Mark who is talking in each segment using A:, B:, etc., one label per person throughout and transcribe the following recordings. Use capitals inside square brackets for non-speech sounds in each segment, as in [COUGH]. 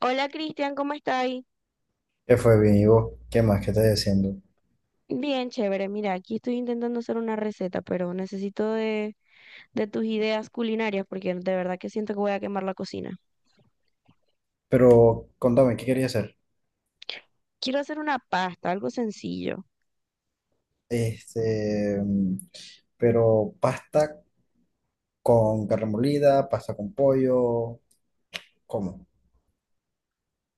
A: Hola Cristian, ¿cómo estáis?
B: ¿Qué fue bien, ¿y vos? ¿Qué más? ¿Qué estás haciendo?
A: Bien, chévere. Mira, aquí estoy intentando hacer una receta, pero necesito de tus ideas culinarias porque de verdad que siento que voy a quemar la cocina.
B: Pero contame, ¿qué querías hacer?
A: Quiero hacer una pasta, algo sencillo.
B: Este, mm, pero pasta con carne molida, pasta con pollo, ¿cómo?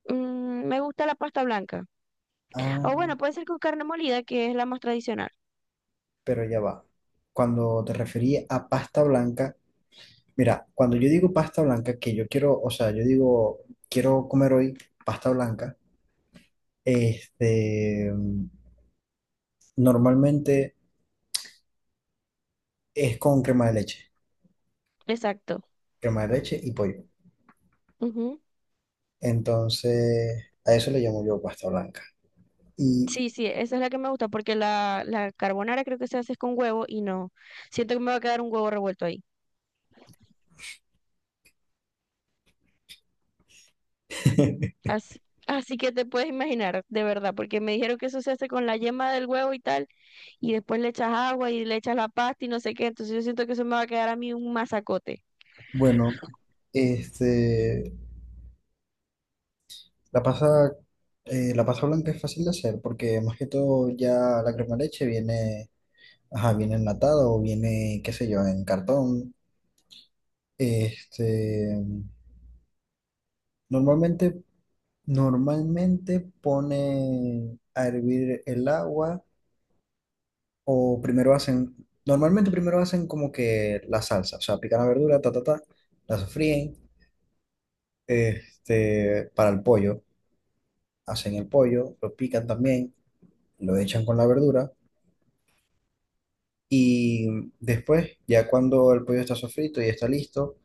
A: Me gusta la pasta blanca.
B: Ah,
A: O bueno, puede ser con carne molida, que es la más tradicional.
B: pero ya va. Cuando te referí a pasta blanca, mira, cuando yo digo pasta blanca, que yo quiero, o sea, yo digo, quiero comer hoy pasta blanca, este, mm, normalmente es con
A: Exacto.
B: crema de leche y pollo.
A: Ujú.
B: Entonces, a eso le llamo yo pasta blanca. Y
A: Sí, sí, esa es la que me gusta porque la carbonara creo que se hace con huevo y no. Siento que me va a quedar un huevo revuelto ahí.
B: [LAUGHS]
A: Así, así que te puedes imaginar, de verdad, porque me dijeron que eso se hace con la yema del huevo y tal, y después le echas agua y le echas la pasta y no sé qué, entonces yo siento que eso me va a quedar a mí un masacote.
B: bueno, este, la pasa, la pasta blanca es fácil de hacer porque más que todo ya la crema de leche viene, ajá, viene enlatada o viene, qué sé yo, en cartón. Este, normalmente, normalmente pone a hervir el agua o primero hacen, normalmente primero hacen como que la salsa, o sea, pican la verdura, ta, ta, ta, la sofríen para el pollo. Hacen el pollo, lo pican también, lo echan con la verdura y después, ya cuando el pollo está sofrito y está listo,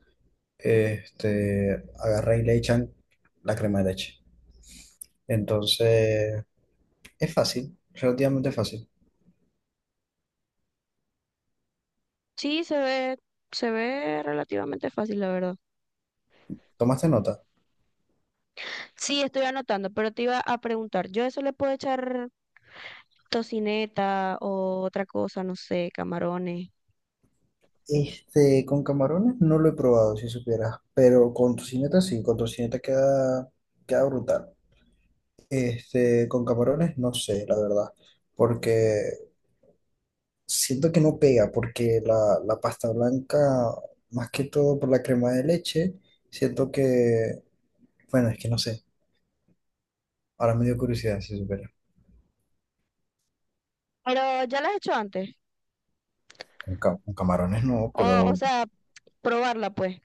B: agarran y le echan la crema de leche. Entonces, es fácil, relativamente fácil.
A: Sí, se ve, se ve relativamente fácil, la verdad.
B: ¿Tomaste nota?
A: Sí, estoy anotando, pero te iba a preguntar, yo a eso le puedo echar tocineta o otra cosa, no sé, camarones,
B: Con camarones no lo he probado, si supieras, pero con tocineta sí, con tocineta queda, queda brutal. Con camarones no sé, la verdad, porque siento que no pega porque la pasta blanca, más que todo por la crema de leche, siento que, bueno, es que no sé, ahora me dio curiosidad si supera.
A: pero ya las he hecho antes,
B: Con, con camarones no,
A: o, o
B: pero
A: sea, probarla pues.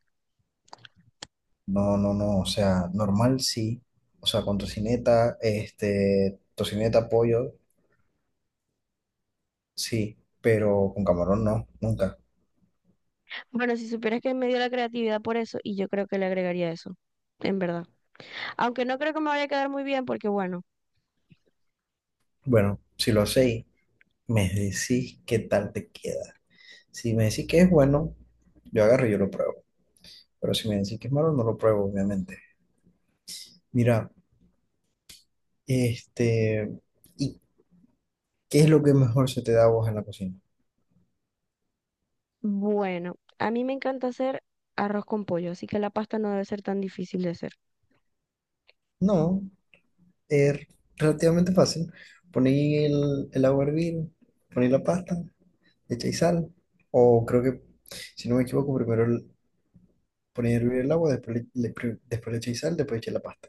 B: no, no, no, o sea, normal sí, o sea, con tocineta, tocineta, pollo, sí, pero con camarón no, nunca.
A: Bueno, si supieras que me dio la creatividad por eso, y yo creo que le agregaría eso, en verdad. Aunque no creo que me vaya a quedar muy bien porque, bueno,
B: Bueno, si lo hacéis, me decís qué tal te queda. Si me decís que es bueno, yo agarro y yo lo pruebo, pero si me decís que es malo, no lo pruebo, obviamente. Mira, este, ¿y qué es lo que mejor se te da a vos en la cocina?
A: bueno, a mí me encanta hacer arroz con pollo, así que la pasta no debe ser tan difícil de hacer.
B: No, es relativamente fácil. Ponéis el agua a hervir, ponéis la pasta, echáis sal, o creo que, si no me equivoco, ponéis a hervir el agua, después le echáis sal, después echáis la pasta.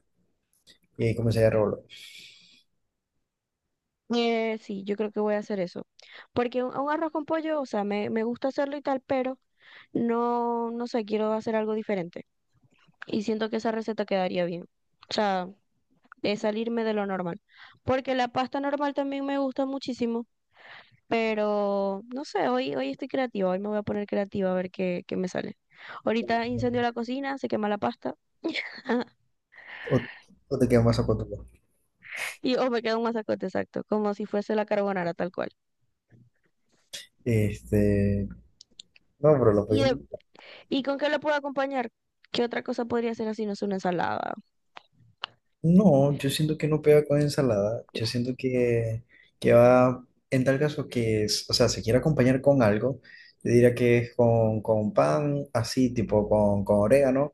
B: Y ahí comenzáis a revolver.
A: Sí, yo creo que voy a hacer eso. Porque un arroz con pollo, o sea, me gusta hacerlo y tal, pero no sé, quiero hacer algo diferente. Y siento que esa receta quedaría bien. O sea, es salirme de lo normal. Porque la pasta normal también me gusta muchísimo, pero no sé, hoy estoy creativa, hoy me voy a poner creativa a ver qué me sale. Ahorita incendio la cocina, se quema la pasta [LAUGHS]
B: O, o te queda más a tu
A: y o me queda un masacote exacto, como si fuese la carbonara tal cual.
B: Este, no, pero lo
A: ¿Y,
B: podéis
A: de- ¿Y con qué lo puedo acompañar? ¿Qué otra cosa podría ser así? No es una ensalada.
B: no, yo siento que no pega con ensalada. Yo siento que va, en tal caso que, es- o sea, se quiere acompañar con algo, yo diría que es con pan, así, tipo con orégano,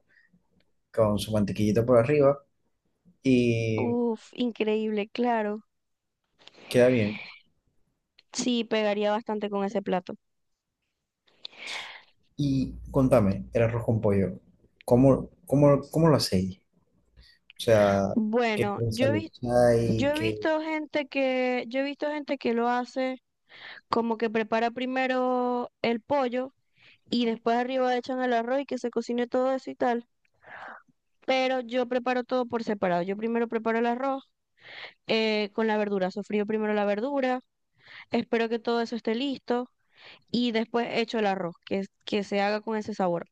B: con su mantequillita por arriba, y
A: Uf, increíble, claro.
B: queda bien.
A: Sí, pegaría bastante con ese plato.
B: Y contame, el arroz con pollo, ¿cómo lo hacéis? O sea, ¿qué
A: Bueno,
B: prensa
A: yo he
B: le
A: visto Yo
B: echáis?
A: he
B: ¿Qué...?
A: visto gente que, yo he visto gente que lo hace como que prepara primero el pollo y después arriba echan el arroz y que se cocine todo eso y tal. Pero yo preparo todo por separado. Yo primero preparo el arroz con la verdura. Sofrío primero la verdura, espero que todo eso esté listo y después echo el arroz, que se haga con ese sabor.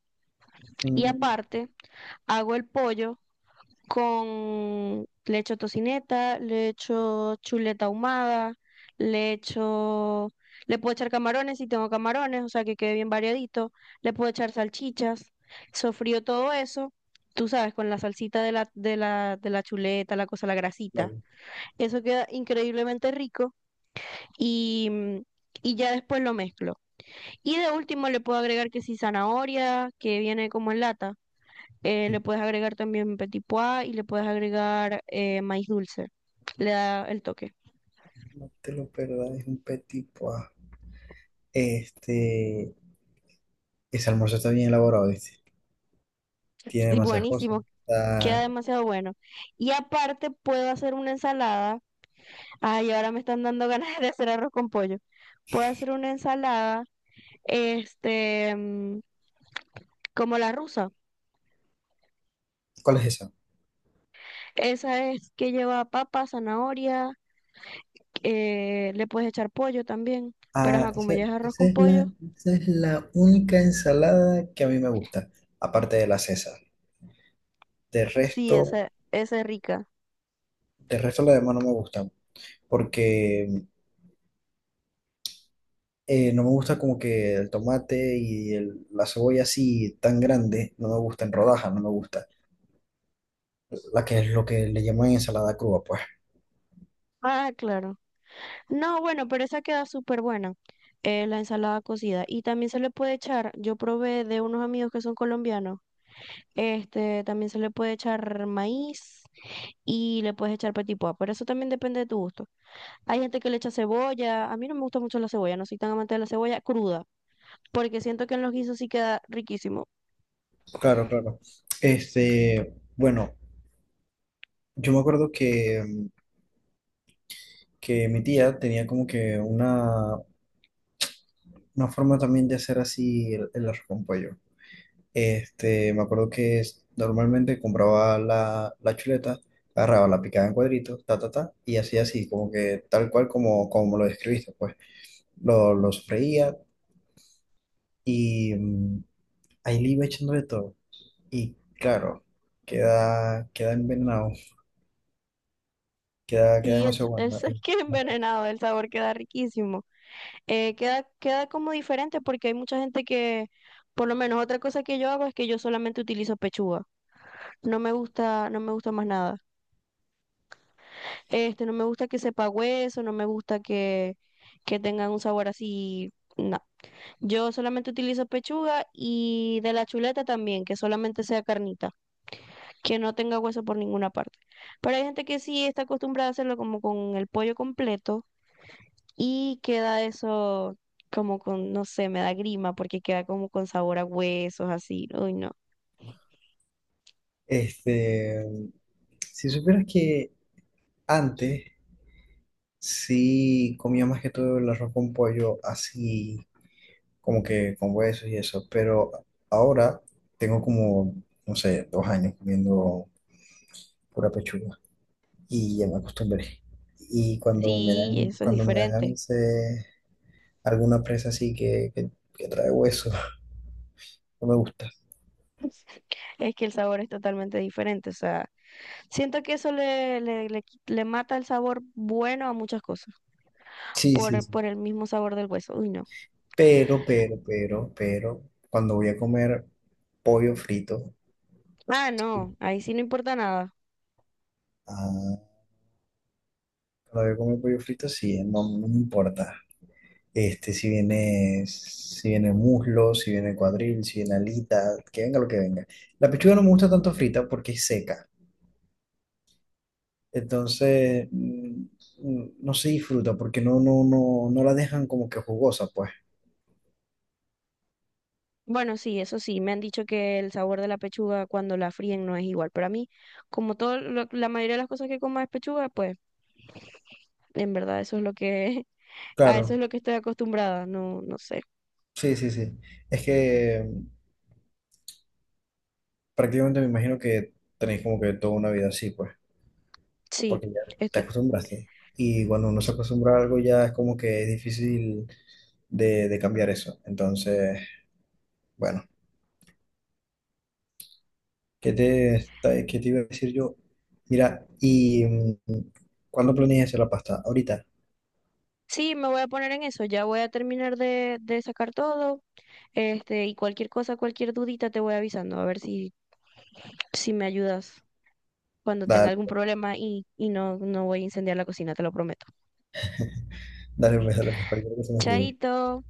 A: Y
B: Mm,
A: aparte, hago el pollo con, le echo tocineta, le echo chuleta ahumada, le echo, le puedo echar camarones si tengo camarones, o sea que quede bien variadito, le puedo echar salchichas, sofrío todo eso, tú sabes, con la salsita de de la chuleta, la cosa, la grasita.
B: no,
A: Eso queda increíblemente rico y y ya después lo mezclo. Y de último le puedo agregar que si zanahoria, que viene como en lata, le puedes agregar también petit pois y le puedes agregar maíz dulce. Le da el toque.
B: no te lo perdáis, un petit pois. Este... Ese almuerzo está bien elaborado, ¿viste? Tiene
A: Y
B: demasiadas cosas.
A: buenísimo, queda
B: Ah,
A: demasiado bueno. Y aparte puedo hacer una ensalada. Ay, ahora me están dando [LAUGHS] ganas de hacer arroz con pollo. Puedo hacer una ensalada, este, mm, como la rusa.
B: ¿cuál es esa?
A: Esa es que lleva papa, zanahoria, le puedes echar pollo también, pero
B: Ah,
A: ajá, como
B: esa,
A: ya es arroz
B: esa
A: con
B: es la,
A: pollo,
B: esa es la única ensalada que a mí me gusta, aparte de la César. De
A: sí,
B: resto,
A: esa es rica.
B: de resto las demás no me gustan, porque no me gusta como que el tomate y la cebolla así tan grande, no me gusta en rodajas, no me gusta. La que es lo que le llaman ensalada cruda, pues.
A: Ah, claro. No, bueno, pero esa queda súper buena, la ensalada cocida. Y también se le puede echar, yo probé de unos amigos que son colombianos, este, también se le puede echar maíz y le puedes echar petit pois, pero eso también depende de tu gusto. Hay gente que le echa cebolla, a mí no me gusta mucho la cebolla, no soy tan amante de la cebolla cruda, porque siento que en los guisos sí queda riquísimo.
B: Claro, claro. Bueno, yo me acuerdo que mi tía tenía como que una forma también de hacer así el arroz con pollo. Me acuerdo que normalmente compraba la, la chuleta, agarraba, la picaba en cuadritos, ta, ta, ta, y hacía así, como que tal cual como, como lo describiste, pues lo freía y ahí le iba echando de todo. Y claro, queda, queda envenenado, queda, queda
A: Sí,
B: demasiado bueno.
A: [LAUGHS] que envenenado, el sabor queda riquísimo. Queda como diferente porque hay mucha gente que, por lo menos otra cosa que yo hago es que yo solamente utilizo pechuga. No me gusta, no me gusta más nada. Este, no me gusta que sepa hueso, no me gusta que tengan un sabor así. No. Yo solamente utilizo pechuga y de la chuleta también, que solamente sea carnita, que no tenga hueso por ninguna parte. Pero hay gente que sí está acostumbrada a hacerlo como con el pollo completo y queda eso como con, no sé, me da grima porque queda como con sabor a huesos, así. Uy, no.
B: Este, si supieras que antes sí, comía más que todo el arroz con pollo, así como que con huesos y eso, pero ahora tengo como, no sé, 2 años comiendo pura pechuga y ya me acostumbré. Y
A: Sí, eso es
B: cuando me dan
A: diferente.
B: ganas de alguna presa así que trae hueso, [LAUGHS] no me gusta.
A: [LAUGHS] Es que el sabor es totalmente diferente. O sea, siento que eso le mata el sabor bueno a muchas cosas
B: Sí, sí, sí.
A: por el mismo sabor del hueso. Uy, no.
B: Pero, cuando voy a comer pollo frito,
A: Ah, no, ahí sí no importa nada.
B: ah, cuando voy a comer pollo frito, sí, no, no me importa. Si viene, si viene muslo, si viene cuadril, si viene alita, que venga lo que venga. La pechuga no me gusta tanto frita porque es seca. Entonces, no se disfruta porque no, no, no, no la dejan como que jugosa, pues.
A: Bueno, sí, eso sí, me han dicho que el sabor de la pechuga cuando la fríen no es igual, pero a mí, como todo, la mayoría de las cosas que como es pechuga, pues en verdad eso es lo que, [LAUGHS] a eso es
B: Claro,
A: lo que estoy acostumbrada, no sé.
B: sí, sí, sí. Es que prácticamente me imagino que tenéis como que toda una vida así, pues,
A: Sí,
B: porque ya te
A: esto
B: acostumbraste. Y cuando uno se acostumbra a algo ya es como que es difícil de cambiar eso. Entonces, bueno. ¿Qué te, qué te iba a decir yo? Mira, ¿y cuándo planeas hacer la pasta? Ahorita.
A: sí, me voy a poner en eso. Ya voy a terminar de sacar todo. Este, y cualquier cosa, cualquier dudita te voy avisando. A ver si, si me ayudas cuando tenga
B: Dale,
A: algún problema y no, no voy a incendiar la cocina, te lo prometo.
B: dale, pues, dale, mejor. Yo creo que se me olvidó.
A: Chaito.